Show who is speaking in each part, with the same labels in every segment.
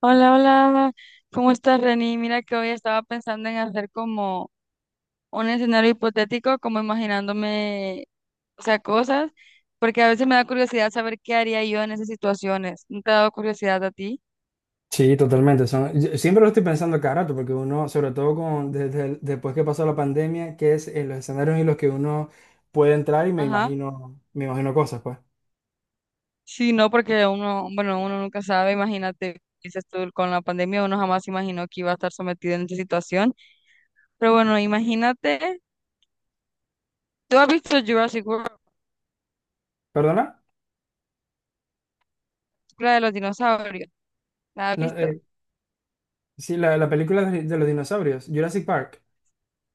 Speaker 1: Hola, hola, ¿cómo estás, Reni? Mira que hoy estaba pensando en hacer como un escenario hipotético, como imaginándome, o sea, cosas, porque a veces me da curiosidad saber qué haría yo en esas situaciones. ¿No te ha dado curiosidad a ti?
Speaker 2: Sí, totalmente. Son, yo siempre lo estoy pensando cada rato, porque uno, sobre todo con, desde el- después que pasó la pandemia, que es en los escenarios en los que uno puede entrar y
Speaker 1: Ajá.
Speaker 2: me imagino cosas, pues.
Speaker 1: Sí, no, porque uno, bueno, uno nunca sabe, imagínate, dices tú, con la pandemia uno jamás imaginó que iba a estar sometido en esa situación, pero bueno, imagínate, ¿tú has visto Jurassic World,
Speaker 2: ¿Perdona?
Speaker 1: la de los dinosaurios? ¿La has
Speaker 2: No,
Speaker 1: visto?
Speaker 2: sí, la película de los dinosaurios, Jurassic Park.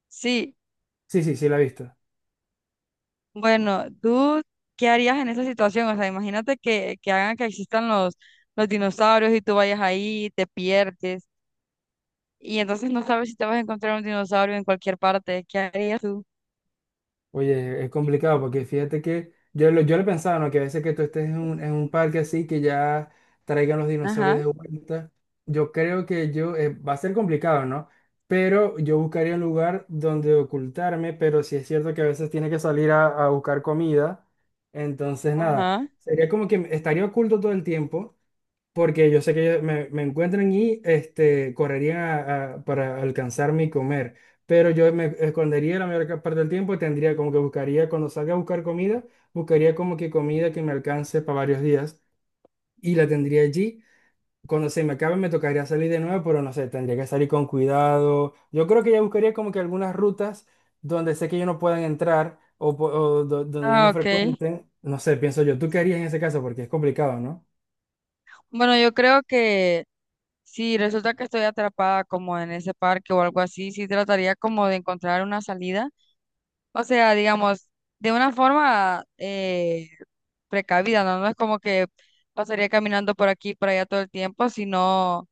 Speaker 1: Sí.
Speaker 2: Sí, sí, sí, la he visto.
Speaker 1: Bueno, ¿tú qué harías en esa situación? O sea, imagínate que hagan que existan los dinosaurios y tú vayas ahí, te pierdes y entonces no sabes si te vas a encontrar un dinosaurio en cualquier parte. ¿Qué harías tú?
Speaker 2: Oye, es complicado porque fíjate que yo, lo- yo le pensaba, ¿no? Que a veces que tú estés en un parque así, que ya traigan los dinosaurios
Speaker 1: Ajá,
Speaker 2: de vuelta, yo creo que yo, va a ser complicado, ¿no? Pero yo buscaría un lugar donde ocultarme, pero sí es cierto que a veces tiene que salir a buscar comida, entonces nada,
Speaker 1: ajá.
Speaker 2: sería como que estaría oculto todo el tiempo porque yo sé que ellos me, me encuentran y este, correrían a- para alcanzarme y comer, pero yo me escondería la mayor ca- parte del tiempo y tendría como que buscaría, cuando salga a buscar comida, buscaría como que comida que me alcance para varios días y la tendría allí. Cuando se me acabe me tocaría salir de nuevo, pero no sé, tendría que salir con cuidado. Yo creo que ya buscaría como que algunas rutas donde sé que ellos no puedan entrar o, po- o do- donde ellos
Speaker 1: Ah,
Speaker 2: no
Speaker 1: ok.
Speaker 2: frecuenten. No sé, pienso yo, ¿tú qué harías en ese caso? Porque es complicado, ¿no?
Speaker 1: Bueno, yo creo que si resulta que estoy atrapada como en ese parque o algo así, sí trataría como de encontrar una salida. O sea, digamos, de una forma precavida, ¿no? No es como que pasaría caminando por aquí, por allá todo el tiempo, sino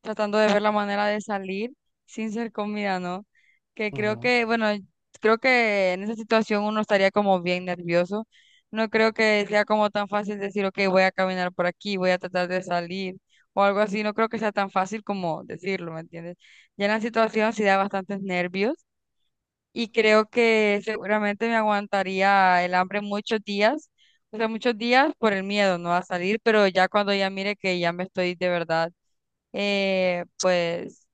Speaker 1: tratando de ver la manera de salir sin ser comida, ¿no? Que creo
Speaker 2: Ujú.
Speaker 1: que, bueno, creo que en esa situación uno estaría como bien nervioso. No creo que sea como tan fácil decir, ok, voy a caminar por aquí, voy a tratar de salir o algo así. No creo que sea tan fácil como decirlo, ¿me entiendes? Ya en la situación sí da bastantes nervios y creo que seguramente me aguantaría el hambre muchos días, o sea, muchos días por el miedo, ¿no? A salir, pero ya cuando ya mire que ya me estoy de verdad, pues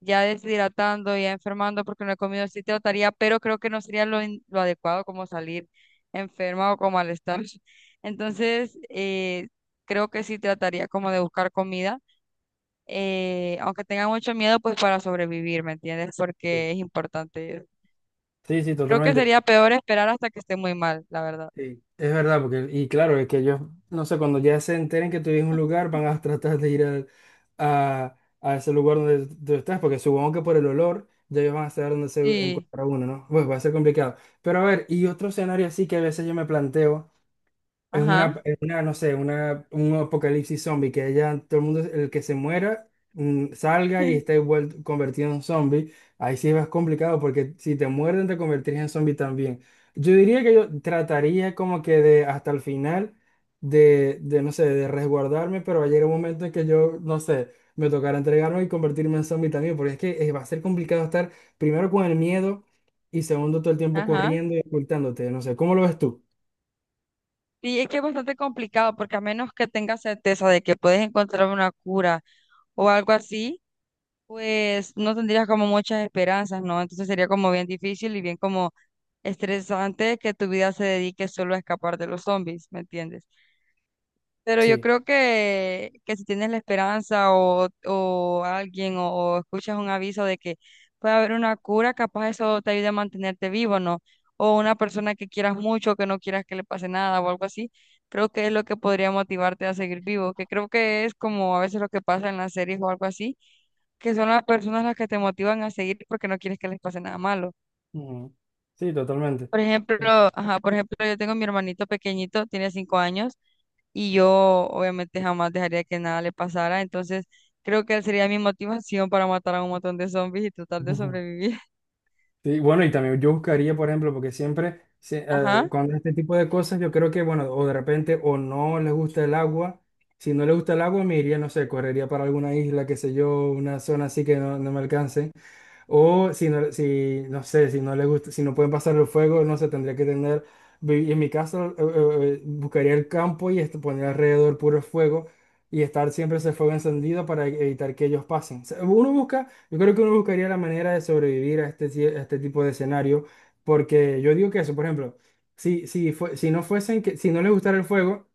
Speaker 1: ya deshidratando, ya enfermando porque no he comido, sí trataría, pero creo que no sería lo adecuado como salir enferma o con malestar. Entonces, creo que sí trataría como de buscar comida. Aunque tenga mucho miedo, pues para sobrevivir, ¿me entiendes? Porque es importante eso.
Speaker 2: Sí, sí,
Speaker 1: Creo que
Speaker 2: totalmente.
Speaker 1: sería peor esperar hasta que esté muy mal, la verdad.
Speaker 2: Sí, es verdad, porque, y claro, es que ellos, no sé, cuando ya se enteren que tú vives en un lugar, van a tratar de ir al- a ese lugar donde tú estás, porque supongo que por el olor ya ellos van a saber dónde se
Speaker 1: Sí,
Speaker 2: encuentra uno, ¿no? Pues va a ser complicado. Pero a ver, y otro escenario así que a veces yo me planteo. Es
Speaker 1: ajá,
Speaker 2: una, en una, no sé, una, un apocalipsis zombie, que ya todo el mundo, el que se muera, salga y esté vuel- convertido en zombie. Ahí sí es más complicado porque si te muerden te convertirías en zombie también. Yo diría que yo trataría como que de hasta el final de, no sé, de resguardarme, pero va a llegar un momento en que yo, no sé, me tocará entregarme y convertirme en zombie también, porque es que va a ser complicado estar primero con el miedo y segundo todo el tiempo
Speaker 1: ajá.
Speaker 2: corriendo y ocultándote, no sé, ¿cómo lo ves tú?
Speaker 1: Sí, es que es bastante complicado porque a menos que tengas certeza de que puedes encontrar una cura o algo así, pues no tendrías como muchas esperanzas, ¿no? Entonces sería como bien difícil y bien como estresante que tu vida se dedique solo a escapar de los zombies, ¿me entiendes? Pero yo
Speaker 2: Sí.
Speaker 1: creo que si tienes la esperanza o alguien o escuchas un aviso de que puede haber una cura, capaz eso te ayude a mantenerte vivo, ¿no? O una persona que quieras mucho, que no quieras que le pase nada o algo así, creo que es lo que podría motivarte a seguir vivo, que creo que es como a veces lo que pasa en las series o algo así, que son las personas las que te motivan a seguir porque no quieres que les pase nada malo.
Speaker 2: Ujú. Sí, totalmente.
Speaker 1: Por ejemplo,
Speaker 2: Eh,
Speaker 1: ajá, por ejemplo, yo tengo mi hermanito pequeñito, tiene 5 años, y yo obviamente jamás dejaría que nada le pasara, entonces creo que él sería mi motivación para matar a un montón de zombies y tratar de
Speaker 2: ujú.
Speaker 1: sobrevivir.
Speaker 2: Sí, bueno, y también yo buscaría, por ejemplo, porque siempre, se-
Speaker 1: Ajá,
Speaker 2: cuando este tipo de cosas, yo creo que, bueno, o de repente o no les gusta el agua. Si no les gusta el agua, me iría, no sé, correría para alguna isla, qué sé yo, una zona así que no, no me alcance. O si no, si, no sé, si no le gusta, si no pueden pasar el fuego, no sé, tendría que tener, vi- en mi caso, buscaría el campo y este, poner alrededor puro fuego y estar siempre ese fuego encendido para e- evitar que ellos pasen. O sea, uno busca, yo creo que uno buscaría la manera de sobrevivir a este, ti- a este tipo de escenario, porque yo digo que eso, por ejemplo, si, si, fue- si no fuesen que, si no les gustara el fuego,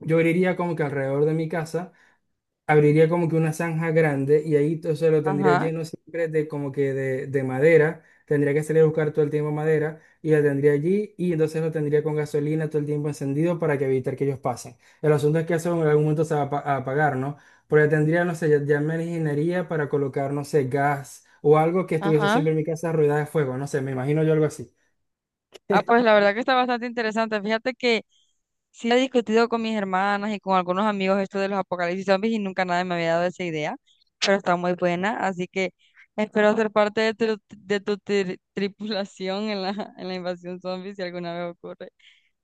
Speaker 2: yo iría como que alrededor de mi casa abriría como que una zanja grande y ahí todo eso lo tendría
Speaker 1: ajá,
Speaker 2: lleno siempre de como que de madera. Tendría que salir a buscar todo el tiempo madera y la tendría allí y entonces lo tendría con gasolina todo el tiempo encendido para que evitar que ellos pasen. El asunto es que eso en algún momento se va a, pa- a apagar, ¿no? Porque tendría, no sé, ya me ingeniería para colocar, no sé, gas o algo que estuviese
Speaker 1: ajá.
Speaker 2: siempre en mi casa rodeada de fuego, no sé, me imagino yo algo así.
Speaker 1: Ah, pues la verdad que está bastante interesante. Fíjate que sí he discutido con mis hermanas y con algunos amigos esto de los apocalipsis zombies y nunca nadie me había dado esa idea, pero está muy buena, así que espero ser parte de tu tripulación en la invasión zombie si alguna vez ocurre,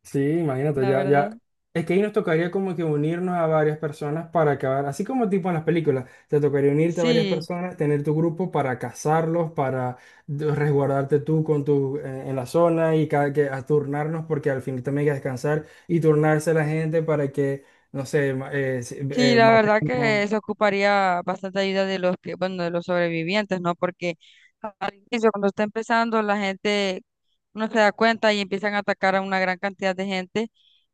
Speaker 2: Sí, imagínate,
Speaker 1: la verdad.
Speaker 2: ya. Es que ahí nos tocaría como que unirnos a varias personas para acabar, así como tipo en las películas, te tocaría unirte a varias
Speaker 1: Sí,
Speaker 2: personas, tener tu grupo para cazarlos, para de- resguardarte tú con tu, en la zona y cada que a turnarnos porque al fin también hay que descansar y turnarse la gente para que, no sé, ma- si-
Speaker 1: sí, la verdad que
Speaker 2: matemos.
Speaker 1: eso ocuparía bastante ayuda de los que, bueno, de los sobrevivientes, ¿no? Porque al inicio, cuando está empezando, la gente no se da cuenta y empiezan a atacar a una gran cantidad de gente.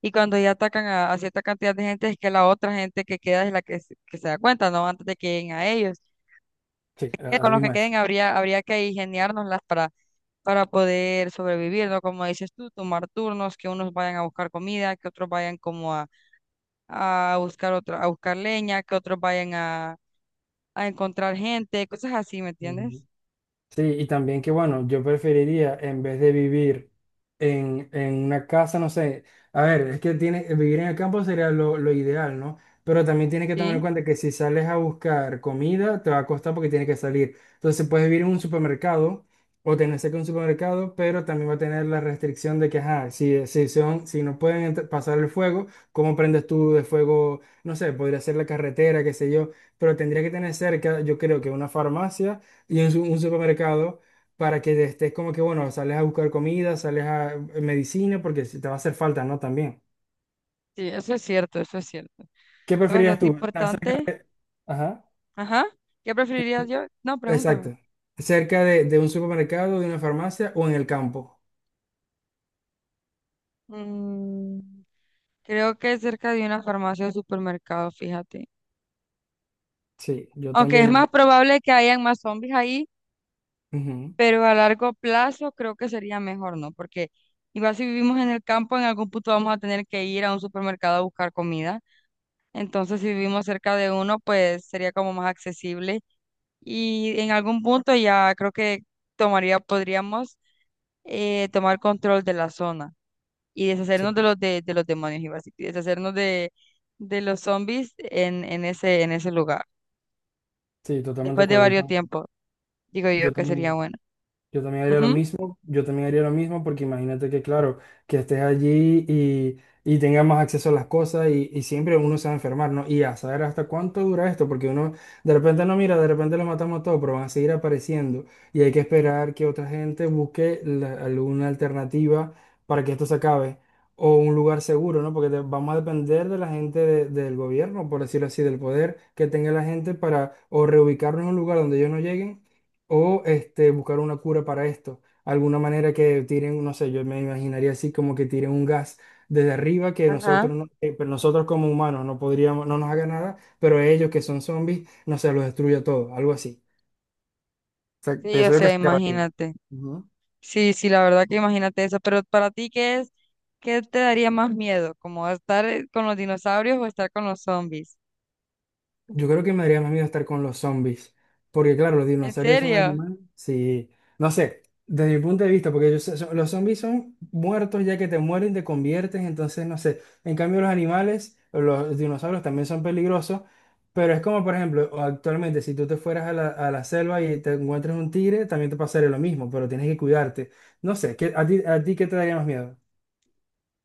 Speaker 1: Y cuando ya atacan a cierta cantidad de gente, es que la otra gente que queda es la que, que se da cuenta, ¿no? Antes de que lleguen a ellos.
Speaker 2: Sí,
Speaker 1: Con
Speaker 2: así
Speaker 1: los que
Speaker 2: mismo
Speaker 1: queden habría, habría que ingeniárnoslas para poder sobrevivir, ¿no? Como dices tú, tomar turnos, que unos vayan a buscar comida, que otros vayan como a buscar otra, a buscar leña, que otros vayan a encontrar gente, cosas así, ¿me
Speaker 2: es.
Speaker 1: entiendes?
Speaker 2: Sí, y también que bueno, yo preferiría en vez de vivir en una casa, no sé, a ver, es que tiene, vivir en el campo sería lo ideal, ¿no? Pero también tienes que tomar en
Speaker 1: Sí,
Speaker 2: cuenta que si sales a buscar comida, te va a costar porque tienes que salir. Entonces puedes vivir en un supermercado o tener cerca un supermercado, pero también va a tener la restricción de que, ajá, si, si, son, si no pueden entr- pasar el fuego, ¿cómo prendes tú de fuego? No sé, podría ser la carretera, qué sé yo, pero tendría que tener cerca, yo creo que una farmacia y en su- un supermercado para que estés como que, bueno, sales a buscar comida, sales a medicina, porque si te va a hacer falta, ¿no? También.
Speaker 1: sí, eso es cierto, eso es cierto.
Speaker 2: ¿Qué
Speaker 1: Es
Speaker 2: preferirías
Speaker 1: bastante
Speaker 2: tú? ¿Estar cerca?
Speaker 1: importante.
Speaker 2: Ajá.
Speaker 1: Ajá. ¿Qué preferirías yo? No, pregúntame.
Speaker 2: Exacto. ¿Cerca de un supermercado, de una farmacia o en el campo?
Speaker 1: Mm, creo que cerca de una farmacia o supermercado, fíjate.
Speaker 2: Sí, yo
Speaker 1: Aunque es más
Speaker 2: también.
Speaker 1: probable que hayan más zombies ahí,
Speaker 2: Ujú,
Speaker 1: pero a largo plazo creo que sería mejor, ¿no? Porque igual si vivimos en el campo, en algún punto vamos a tener que ir a un supermercado a buscar comida. Entonces, si vivimos cerca de uno, pues sería como más accesible. Y en algún punto ya creo que tomaría, podríamos tomar control de la zona y
Speaker 2: sí,
Speaker 1: deshacernos de los demonios, iba a decir, y deshacernos de los zombies en ese lugar.
Speaker 2: sí, totalmente de
Speaker 1: Después de
Speaker 2: acuerdo. Yo,
Speaker 1: varios
Speaker 2: tam-
Speaker 1: tiempos, digo yo
Speaker 2: yo
Speaker 1: que sería
Speaker 2: también.
Speaker 1: bueno.
Speaker 2: Yo también haría lo
Speaker 1: Ujú,
Speaker 2: mismo, yo también haría lo mismo porque imagínate que, claro, que estés allí y tengas más acceso a las cosas y siempre uno se va a enfermar, ¿no? Y a saber hasta cuánto dura esto, porque uno de repente no mira, de repente los matamos todos, pero van a seguir apareciendo y hay que esperar que otra gente busque la- alguna alternativa para que esto se acabe o un lugar seguro, ¿no? Porque de- vamos a depender de la gente de- del gobierno, por decirlo así, del poder que tenga la gente para o reubicarnos en un lugar donde ellos no lleguen o este, buscar una cura para esto. Alguna manera que tiren, no sé, yo me imaginaría así como que tiren un gas desde arriba que
Speaker 1: ajá.
Speaker 2: nosotros, no- pero nosotros como humanos no podríamos, no nos haga nada, pero ellos que son zombies, no sé, los destruye todo, algo así. O sea,
Speaker 1: Sí, o
Speaker 2: pienso yo que
Speaker 1: sea,
Speaker 2: se acabaría.
Speaker 1: imagínate. Sí, sí, la verdad que imagínate eso. Pero para ti, ¿qué es? ¿Qué te daría más miedo? ¿Como estar con los dinosaurios o estar con los zombies?
Speaker 2: Yo creo que me daría más miedo estar con los zombies, porque claro, los
Speaker 1: ¿En
Speaker 2: dinosaurios son
Speaker 1: serio?
Speaker 2: animales, sí, no sé, desde mi punto de vista, porque ellos son- los zombies son muertos ya que te mueren, te conviertes, entonces no sé, en cambio los animales, los dinosaurios también son peligrosos, pero es como por ejemplo, actualmente si tú te fueras a la selva y te encuentras un tigre, también te pasaría lo mismo, pero tienes que cuidarte, no sé, ¿qué- a ti qué te daría más miedo?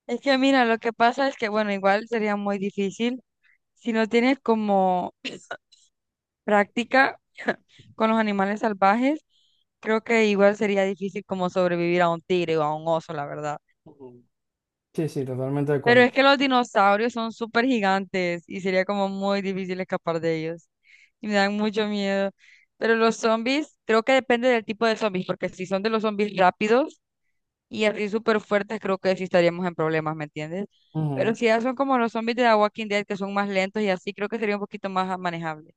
Speaker 1: Es que mira, lo que pasa es que, bueno, igual sería muy difícil si no tienes como práctica con los animales salvajes, creo que igual sería difícil como sobrevivir a un tigre o a un oso, la verdad.
Speaker 2: Ujú. Sí, sí, totalmente de
Speaker 1: Pero
Speaker 2: acuerdo.
Speaker 1: es que los dinosaurios son súper gigantes y sería como muy difícil escapar de ellos. Y me dan mucho miedo. Pero los zombies, creo que depende del tipo de zombies, porque si son de los zombies rápidos y así súper fuertes, creo que sí estaríamos en problemas, ¿me entiendes? Pero si ya son como los zombies de The Walking Dead, que son más lentos y así, creo que sería un poquito más manejable.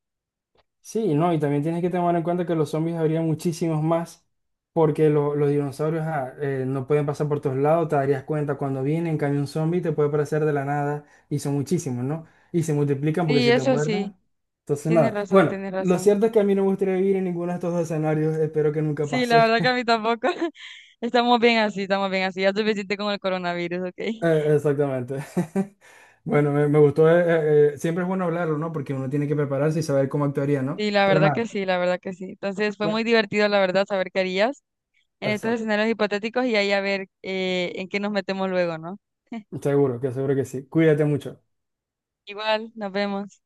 Speaker 2: Sí, no, y también tienes que tomar en cuenta que los zombies habría muchísimos más, porque lo- los dinosaurios ah, no pueden pasar por todos lados, te darías cuenta cuando vienen, en cambio un zombie te puede aparecer de la nada, y son muchísimos, ¿no? Y se multiplican porque
Speaker 1: Sí,
Speaker 2: si te
Speaker 1: eso sí,
Speaker 2: muerden, entonces
Speaker 1: tienes
Speaker 2: nada.
Speaker 1: razón,
Speaker 2: Bueno,
Speaker 1: tienes
Speaker 2: lo
Speaker 1: razón.
Speaker 2: cierto es que a mí no me gustaría vivir en ninguno de estos dos escenarios, espero que nunca
Speaker 1: Sí, la
Speaker 2: pase.
Speaker 1: verdad que a mí tampoco. Estamos bien así, estamos bien así. Ya es suficiente con el coronavirus, ¿ok?
Speaker 2: Exactamente. Bueno, me gustó, siempre es bueno hablarlo, ¿no? Porque uno tiene que prepararse y saber cómo actuaría, ¿no?
Speaker 1: Sí, la
Speaker 2: Pero
Speaker 1: verdad
Speaker 2: nada,
Speaker 1: que sí, la verdad que sí. Entonces fue muy
Speaker 2: bueno,
Speaker 1: divertido, la verdad, saber qué harías en estos
Speaker 2: exacto.
Speaker 1: escenarios hipotéticos y ahí a ver en qué nos metemos luego, ¿no?
Speaker 2: Seguro que sí. Cuídate mucho.
Speaker 1: Igual, nos vemos.